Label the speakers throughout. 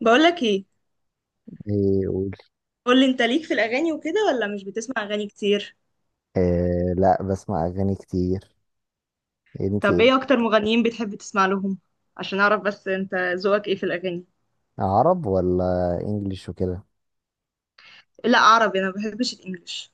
Speaker 1: بقولك ايه؟
Speaker 2: ايه قول.
Speaker 1: قولي انت ليك في الاغاني وكده ولا مش بتسمع اغاني كتير؟
Speaker 2: إيه، لا بسمع اغاني كتير. انت
Speaker 1: طب
Speaker 2: ايه؟
Speaker 1: ايه اكتر مغنيين بتحب تسمع لهم؟ عشان اعرف بس انت ذوقك ايه في الاغاني.
Speaker 2: عرب ولا انجليش وكده؟
Speaker 1: لا عربي، انا ما بحبش الانجليش.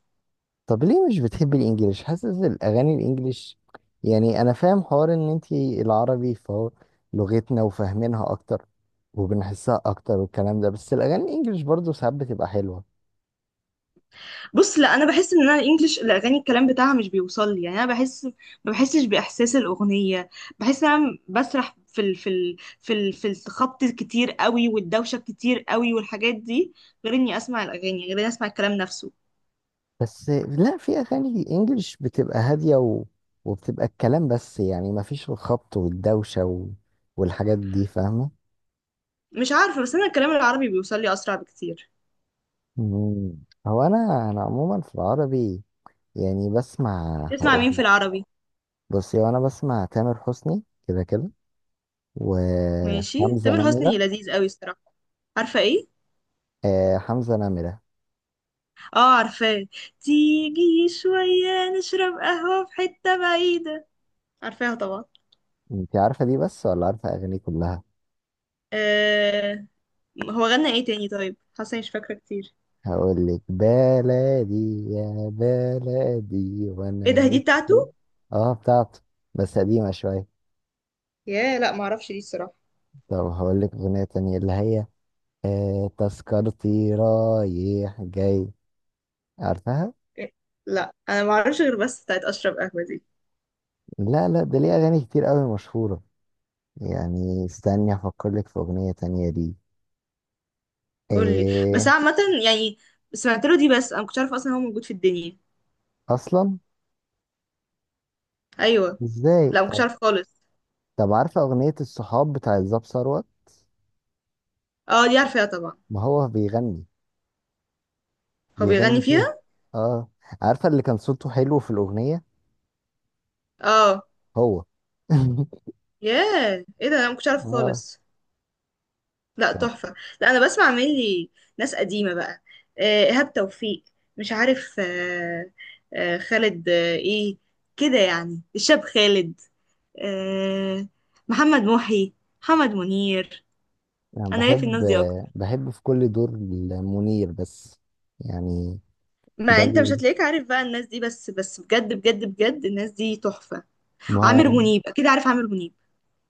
Speaker 2: طب ليه مش بتحبي الانجليش؟ حاسس الاغاني الانجليش يعني انا فاهم حوار ان انت العربي فهو لغتنا وفاهمينها اكتر وبنحسها اكتر والكلام ده، بس الاغاني الانجليش برضه ساعات بتبقى حلوة.
Speaker 1: بص، لا انا بحس ان انا الانجليش الاغاني الكلام بتاعها مش بيوصل لي، يعني انا بحس، ما بحسش باحساس الاغنيه. بحس ان انا بسرح في الخبط كتير قوي والدوشه كتير قوي والحاجات دي، غير اني اسمع الاغاني غير اني اسمع الكلام نفسه.
Speaker 2: بس لا، في اغاني انجليش بتبقى هادية وبتبقى الكلام بس، يعني مفيش الخبط والدوشة والحاجات دي فاهمة.
Speaker 1: مش عارفه، بس انا الكلام العربي بيوصل لي اسرع بكتير.
Speaker 2: مم. هو انا عموما في العربي يعني بسمع،
Speaker 1: بتسمع
Speaker 2: هقول
Speaker 1: مين في
Speaker 2: لك.
Speaker 1: العربي؟
Speaker 2: بصي، وانا بسمع تامر حسني كده كده،
Speaker 1: ماشي،
Speaker 2: وحمزة
Speaker 1: تامر حسني
Speaker 2: نمرة.
Speaker 1: لذيذ قوي الصراحة. عارفة ايه؟
Speaker 2: آه حمزة نمرة.
Speaker 1: اه عارفاه. تيجي شوية نشرب قهوة في حتة بعيدة؟ عارفاها طبعا.
Speaker 2: انت عارفة دي بس ولا عارفة اغاني كلها؟
Speaker 1: آه. هو غنى ايه تاني طيب؟ حاسة إني مش فاكرة كتير.
Speaker 2: هقول لك بلدي، يا بلدي
Speaker 1: ايه
Speaker 2: وانا
Speaker 1: ده، دي بتاعته؟
Speaker 2: نفسي. اه بتاعته، بس قديمة شوية.
Speaker 1: ياه، لا معرفش دي الصراحة.
Speaker 2: طب هقول لك اغنية تانية اللي هي آه، تذكرتي رايح جاي؟ عارفها؟
Speaker 1: إيه؟ لا، انا معرفش غير بس بتاعت اشرب قهوة دي.
Speaker 2: لا لا، ده ليه اغاني كتير قوي مشهورة. يعني استني افكر لك في اغنية تانية دي.
Speaker 1: قولي. بس
Speaker 2: ايه.
Speaker 1: عامة يعني سمعت له دي، بس انا مكنتش عارفة اصلا هو موجود في الدنيا.
Speaker 2: اصلا؟
Speaker 1: ايوه.
Speaker 2: ازاي
Speaker 1: لا مكنتش
Speaker 2: طب؟
Speaker 1: عارفة خالص.
Speaker 2: طب عارفة اغنية الصحاب بتاع الزاب ثروت؟
Speaker 1: اه دي عارفاها طبعا.
Speaker 2: ما هو بيغني،
Speaker 1: هو بيغني
Speaker 2: بيغني فيها.
Speaker 1: فيها؟
Speaker 2: اه. عارفة اللي كان صوته حلو في الاغنية؟
Speaker 1: اه.
Speaker 2: هو.
Speaker 1: ياه ايه ده، انا مكنتش عارفة
Speaker 2: اه.
Speaker 1: خالص. لا
Speaker 2: طب،
Speaker 1: تحفة. لا أنا بسمع مني ناس قديمة بقى. إيهاب توفيق، مش عارف، خالد، إيه، كده يعني، الشاب خالد، آه، محمد محي، محمد منير.
Speaker 2: انا
Speaker 1: أنا ليا في
Speaker 2: بحب،
Speaker 1: الناس دي أكتر.
Speaker 2: بحب في كل دور. منير بس يعني.
Speaker 1: ما
Speaker 2: ده
Speaker 1: أنت مش
Speaker 2: ال-
Speaker 1: هتلاقيك عارف بقى الناس دي، بس بجد بجد بجد الناس دي تحفة.
Speaker 2: ما،
Speaker 1: عامر منيب، أكيد عارف عامر منيب.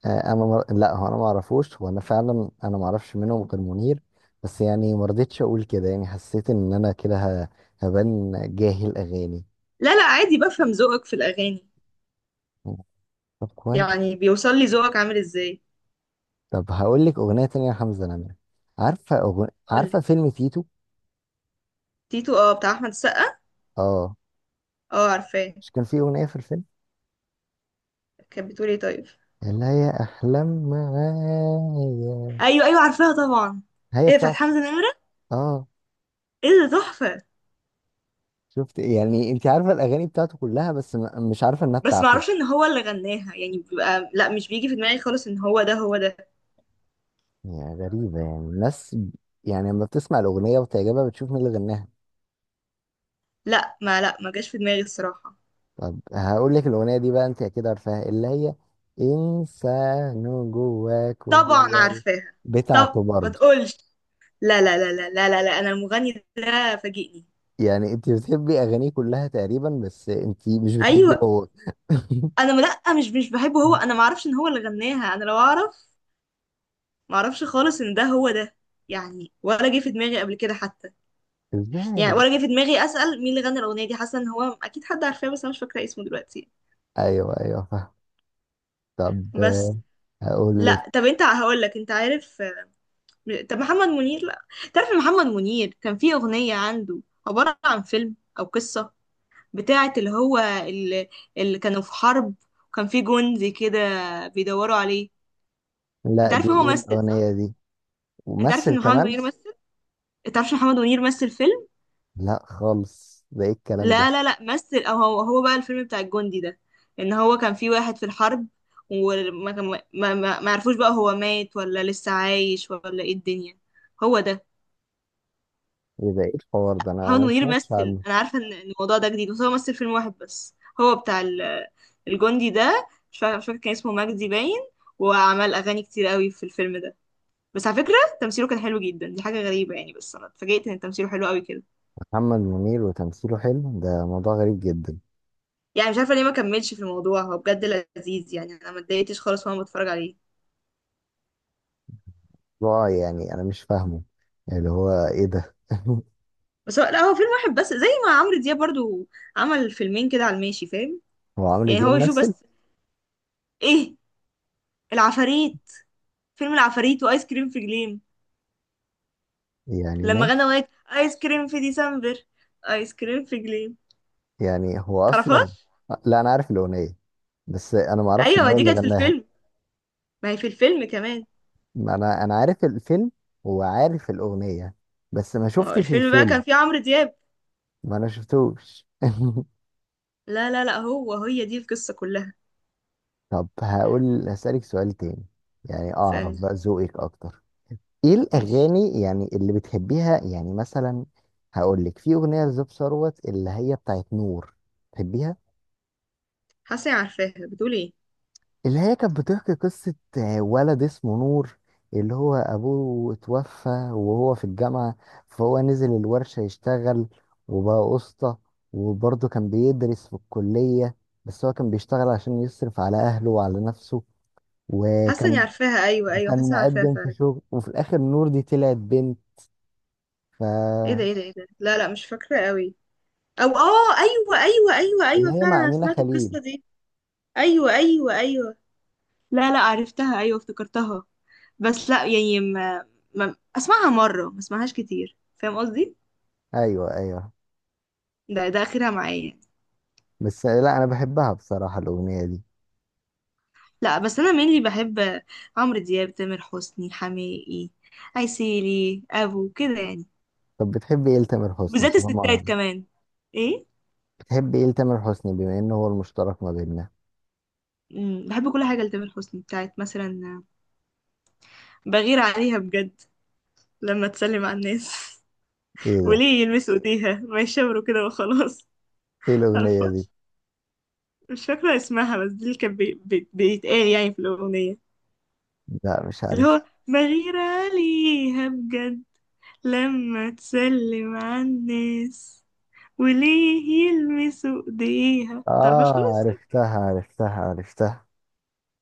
Speaker 2: لا، هو انا ما اعرفوش، وانا فعلا انا ما اعرفش منهم غير منير، بس يعني ما رضيتش اقول كده، يعني حسيت ان انا كده ه... هبان جاهل اغاني.
Speaker 1: لا لا، عادي، بفهم ذوقك في الأغاني.
Speaker 2: طب كويس.
Speaker 1: يعني بيوصل لي ذوقك عامل إزاي.
Speaker 2: طب هقول لك اغنيه تانية لحمزه نمره.
Speaker 1: قولي.
Speaker 2: عارفه فيلم تيتو؟
Speaker 1: تيتو، اه بتاع أحمد السقا.
Speaker 2: اه.
Speaker 1: اه عارفاه.
Speaker 2: مش كان في اغنيه في الفيلم
Speaker 1: كانت بتقول ايه طيب؟
Speaker 2: اللي هي احلام معايا؟
Speaker 1: ايوه ايوه عارفاها طبعا.
Speaker 2: هي
Speaker 1: ايه بتاعت
Speaker 2: بتاعته.
Speaker 1: حمزة نمرة؟
Speaker 2: اه.
Speaker 1: ايه ده تحفة.
Speaker 2: شفت؟ يعني انت عارفه الاغاني بتاعته كلها بس مش عارفه انها
Speaker 1: بس ما
Speaker 2: بتاعته.
Speaker 1: اعرفش ان هو اللي غناها، يعني بيبقى لا، مش بيجي في دماغي خالص ان هو ده هو ده.
Speaker 2: يعني غريبة، يعني يعني لما بتسمع الأغنية وتعجبها بتشوف مين اللي غناها.
Speaker 1: لا، ما جاش في دماغي الصراحة.
Speaker 2: طب هقول لك الأغنية دي بقى، أنت أكيد عارفاها، اللي هي إنسان جواك
Speaker 1: طبعا
Speaker 2: وجواي.
Speaker 1: عارفاها. طب
Speaker 2: بتاعته
Speaker 1: ما
Speaker 2: برضه.
Speaker 1: تقولش. لا لا لا لا لا لا, لا. انا المغني ده فاجئني.
Speaker 2: يعني أنت بتحبي أغانيه كلها تقريبا بس أنت مش بتحبي
Speaker 1: ايوه.
Speaker 2: هو.
Speaker 1: انا ما- لا مش بحبه هو، انا ما اعرفش ان هو اللي غناها، انا لو اعرف. ما اعرفش خالص ان ده هو ده. يعني ولا جه في دماغي قبل كده حتى. يعني
Speaker 2: إزاي؟
Speaker 1: ولا جه في دماغي اسال مين اللي غنى الاغنيه دي، حاسه ان هو اكيد حد عارفاه بس انا مش فاكره اسمه دلوقتي.
Speaker 2: أيوه أيوه، فاهم. طب آه،
Speaker 1: بس.
Speaker 2: هقول لك.
Speaker 1: لا، طب انت هقول لك انت عارف، طب محمد منير، لا. تعرف محمد منير كان في اغنية عنده عبارة عن فيلم او قصة، بتاعة اللي كانوا في حرب، وكان في جندي كده بيدوروا عليه. انت
Speaker 2: لا، دي
Speaker 1: عارف هو
Speaker 2: إيه
Speaker 1: مثل صح؟
Speaker 2: الأغنية دي؟
Speaker 1: انت عارف
Speaker 2: ومثل
Speaker 1: ان محمد
Speaker 2: كمان؟
Speaker 1: منير مثل؟ انت عارف محمد منير مثل فيلم؟
Speaker 2: لا خالص، ده إيه الكلام ده؟
Speaker 1: لا لا لا، مثل، او هو هو بقى الفيلم بتاع الجندي ده، ان هو كان في واحد في الحرب، وما كان ما عرفوش بقى هو مات ولا لسه عايش ولا ايه الدنيا، هو ده.
Speaker 2: إيه ده، إيه الحوار ده؟ أنا
Speaker 1: محمد
Speaker 2: أنا ما
Speaker 1: منير
Speaker 2: سمعتش
Speaker 1: مثل،
Speaker 2: عنه.
Speaker 1: انا عارفه إن الموضوع ده جديد، بس هو مثل فيلم واحد بس، هو بتاع الجندي ده، مش فاكر كان اسمه مجدي باين، وعمل اغاني كتير قوي في الفيلم ده. بس على فكره، تمثيله كان حلو جدا، دي حاجه غريبه يعني، بس انا اتفاجئت ان تمثيله حلو قوي كده.
Speaker 2: محمد منير وتمثيله حلو، ده موضوع غريب جدا.
Speaker 1: يعني مش عارفه ليه ما كملش في الموضوع، هو بجد لذيذ، يعني انا ما اتضايقتش خالص وانا بتفرج عليه.
Speaker 2: موضوع يعني انا مش فاهمه اللي هو ايه ده.
Speaker 1: بس هو لا، هو فيلم واحد بس، زي ما عمرو دياب برضو عمل فيلمين كده على الماشي، فاهم؟
Speaker 2: هو عمرو
Speaker 1: يعني
Speaker 2: دياب
Speaker 1: هو يشوف
Speaker 2: مثل؟
Speaker 1: بس. ايه، العفاريت، فيلم العفاريت، وايس كريم في جليم،
Speaker 2: يعني
Speaker 1: لما غنى
Speaker 2: ماشي.
Speaker 1: أغنية آيس كريم في ديسمبر، آيس كريم في جليم.
Speaker 2: يعني هو اصلا.
Speaker 1: تعرفهاش؟
Speaker 2: لا انا عارف الاغنيه، بس انا ما اعرفش ان
Speaker 1: أيوة
Speaker 2: هو
Speaker 1: دي
Speaker 2: اللي
Speaker 1: كانت في
Speaker 2: غناها.
Speaker 1: الفيلم، ما هي في الفيلم كمان،
Speaker 2: ما انا عارف الفيلم وعارف الاغنيه، بس ما
Speaker 1: ما هو
Speaker 2: شفتش
Speaker 1: الفيلم بقى
Speaker 2: الفيلم.
Speaker 1: كان فيه عمرو دياب.
Speaker 2: ما انا شفتوش.
Speaker 1: لا لا لا، هو هي دي القصة كلها.
Speaker 2: طب هقول، هسألك سؤال تاني، يعني اعرف
Speaker 1: استنى.
Speaker 2: بقى ذوقك اكتر. ايه
Speaker 1: ماشي.
Speaker 2: الاغاني يعني اللي بتحبيها يعني مثلا؟ هقول لك، في اغنيه لزوب ثروت اللي هي بتاعت نور. بتحبيها؟
Speaker 1: حاسة إني عارفاها، بتقول إيه؟
Speaker 2: اللي هي كانت بتحكي قصه ولد اسمه نور، اللي هو ابوه اتوفى وهو في الجامعه، فهو نزل الورشه يشتغل وبقى قسطى، وبرضه كان بيدرس في الكليه، بس هو كان بيشتغل عشان يصرف على اهله وعلى نفسه،
Speaker 1: حاسة إني
Speaker 2: وكان
Speaker 1: عارفاها، أيوة أيوة،
Speaker 2: وكان
Speaker 1: حاسة إني عارفاها
Speaker 2: مقدم في
Speaker 1: فعلا.
Speaker 2: شغل، وفي الاخر نور دي طلعت بنت. ف،
Speaker 1: إيه ده إيه ده إيه ده، لا لا مش فاكرة قوي. أو آه، أيوة أيوة أيوة
Speaker 2: اللي
Speaker 1: أيوة
Speaker 2: هي
Speaker 1: فعلا،
Speaker 2: مع
Speaker 1: أنا
Speaker 2: أمينة
Speaker 1: سمعت
Speaker 2: خليل.
Speaker 1: القصة دي. أيوة أيوة أيوة. لا لا عرفتها، أيوة افتكرتها. بس لا، ما أسمعها مرة، ما أسمعهاش كتير، فاهم قصدي؟
Speaker 2: ايوه ايوه.
Speaker 1: ده اخرها معايا.
Speaker 2: بس لا، انا بحبها بصراحه الاغنيه دي.
Speaker 1: لا، بس انا mainly بحب عمرو دياب، تامر حسني، حماقي، عسيلي، ابو، كده يعني.
Speaker 2: طب بتحب ايه لتامر حسني
Speaker 1: بالذات الستات
Speaker 2: طالما؟
Speaker 1: كمان. ايه.
Speaker 2: بتحب ايه لتامر حسني بما انه هو المشترك ما بيننا؟
Speaker 1: بحب كل حاجه لتامر حسني، بتاعت مثلا بغير عليها بجد لما تسلم على الناس.
Speaker 2: ايه ده؟
Speaker 1: وليه يلمسوا ايديها، ما يشاوروا كده وخلاص.
Speaker 2: ايه الاغنيه دي؟
Speaker 1: تعرفهاش؟ مش فاكره اسمها، بس دي اللي كان بيتقال يعني في الاغنيه،
Speaker 2: لا مش
Speaker 1: اللي
Speaker 2: عارف.
Speaker 1: هو بغير عليها بجد لما تسلم على الناس وليه يلمسوا ايديها. متعرفهاش
Speaker 2: اه
Speaker 1: خالص؟
Speaker 2: عرفتها عرفتها عرفتها.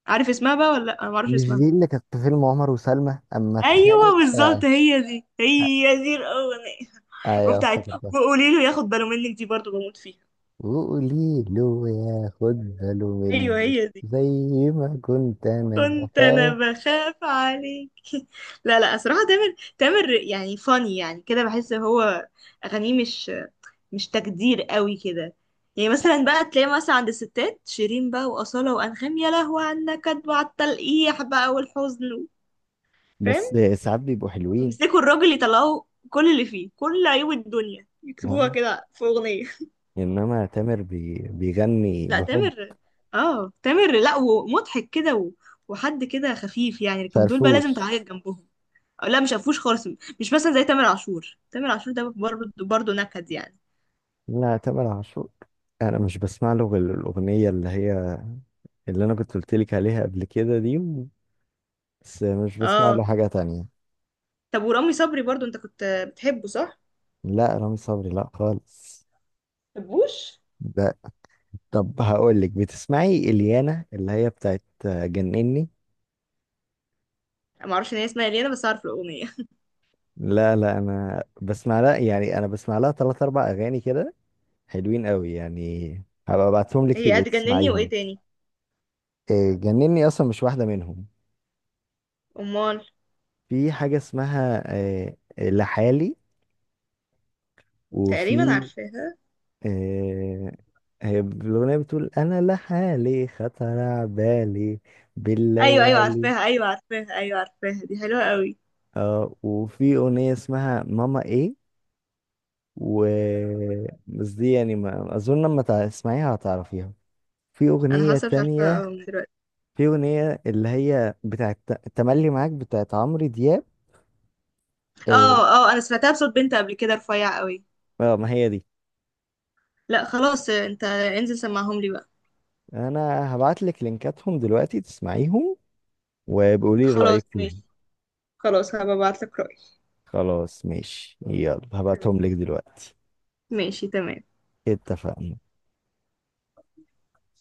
Speaker 1: عارف اسمها بقى ولا لا؟ انا معرفش
Speaker 2: مش
Speaker 1: اسمها.
Speaker 2: دي اللي كانت في فيلم عمر وسلمى اما اتخانق؟
Speaker 1: ايوه
Speaker 2: آه.
Speaker 1: بالظبط، هي دي
Speaker 2: آه،
Speaker 1: هي دي الاغنيه.
Speaker 2: ايوه
Speaker 1: وبتاعت
Speaker 2: افتكرتها.
Speaker 1: وقولي له ياخد باله منك، دي برضو بموت فيها.
Speaker 2: وقولي له ياخد باله
Speaker 1: ايوه
Speaker 2: منك.
Speaker 1: هي دي.
Speaker 2: زي ما كنت انا
Speaker 1: كنت انا
Speaker 2: بخاف.
Speaker 1: بخاف عليك. لا لا، صراحه تامر، تامر يعني فاني يعني كده، بحس هو اغانيه مش تجدير قوي كده. يعني مثلا بقى تلاقي مثلا عند الستات شيرين بقى، وأصالة، وأنغام، يا لهوي عنك، كدب على النكد وعلى التلقيح بقى والحزن،
Speaker 2: بس
Speaker 1: فاهم؟
Speaker 2: ساعات بيبقوا حلوين.
Speaker 1: يمسكوا الراجل يطلعوا كل اللي فيه، كل عيوب الدنيا يكتبوها
Speaker 2: اه،
Speaker 1: كده في أغنية.
Speaker 2: انما تامر بيغني
Speaker 1: لا
Speaker 2: بحب.
Speaker 1: تامر، اه تامر، لا ومضحك كده وحد كده خفيف يعني، لكن دول بقى لازم
Speaker 2: فرفوش.
Speaker 1: تعيط جنبهم. أو لا، مش هفوش خالص. مش مثلا زي تامر عاشور، تامر عاشور ده برضه برضه نكد يعني.
Speaker 2: لا تامر عاشور انا مش بسمع له غير الاغنيه اللي هي اللي انا كنت قلت لك عليها قبل كده دي، بس مش بسمع له
Speaker 1: اه.
Speaker 2: حاجه تانية.
Speaker 1: طب ورامي صبري برضه انت كنت بتحبه صح؟
Speaker 2: لا رامي صبري لا خالص
Speaker 1: بتحبوش؟
Speaker 2: ده. طب هقول لك، بتسمعي اليانا اللي هي بتاعت جنني؟
Speaker 1: ما اعرفش ان هي اسمها ليه، انا بس اعرف الاغنيه.
Speaker 2: لا لا، انا بسمع لها، يعني انا بسمع لها ثلاث اربع اغاني كده، حلوين قوي يعني. هبقى ابعتهم لك
Speaker 1: هي
Speaker 2: تبقي
Speaker 1: هتجنني، وايه
Speaker 2: تسمعيهم.
Speaker 1: تاني؟
Speaker 2: جنني اصلا مش واحده منهم.
Speaker 1: امال.
Speaker 2: في حاجة اسمها لحالي.
Speaker 1: تقريبا
Speaker 2: وفي
Speaker 1: عارفاها.
Speaker 2: آه، هي الأغنية بتقول أنا لحالي خطر على بالي
Speaker 1: ايوه ايوه
Speaker 2: بالليالي.
Speaker 1: عارفاها، ايوه عارفاها، ايوه عارفاها، دي حلوه قوي.
Speaker 2: اه وفي أغنية اسمها ماما إيه. و، بس دي يعني ما أظن لما تسمعيها هتعرفيها. في
Speaker 1: انا
Speaker 2: أغنية
Speaker 1: حاسه، مش عارفه،
Speaker 2: تانية،
Speaker 1: اه من دلوقتي.
Speaker 2: في أغنية اللي هي بتاعت تملي معاك بتاعت عمرو دياب.
Speaker 1: اه
Speaker 2: اه،
Speaker 1: اه، انا سمعتها بصوت بنت قبل كده رفيع قوي.
Speaker 2: آه، ما هي دي.
Speaker 1: لا خلاص، انت انزل سمعهم لي بقى.
Speaker 2: أنا هبعتلك لينكاتهم دلوقتي تسمعيهم وبقولي
Speaker 1: خلاص
Speaker 2: رأيك فيهم.
Speaker 1: ماشي. خلاص هبقى ابعت لك رأيي.
Speaker 2: خلاص ماشي، يلا هبعتهم
Speaker 1: تمام.
Speaker 2: لك دلوقتي.
Speaker 1: ماشي تمام.
Speaker 2: اتفقنا.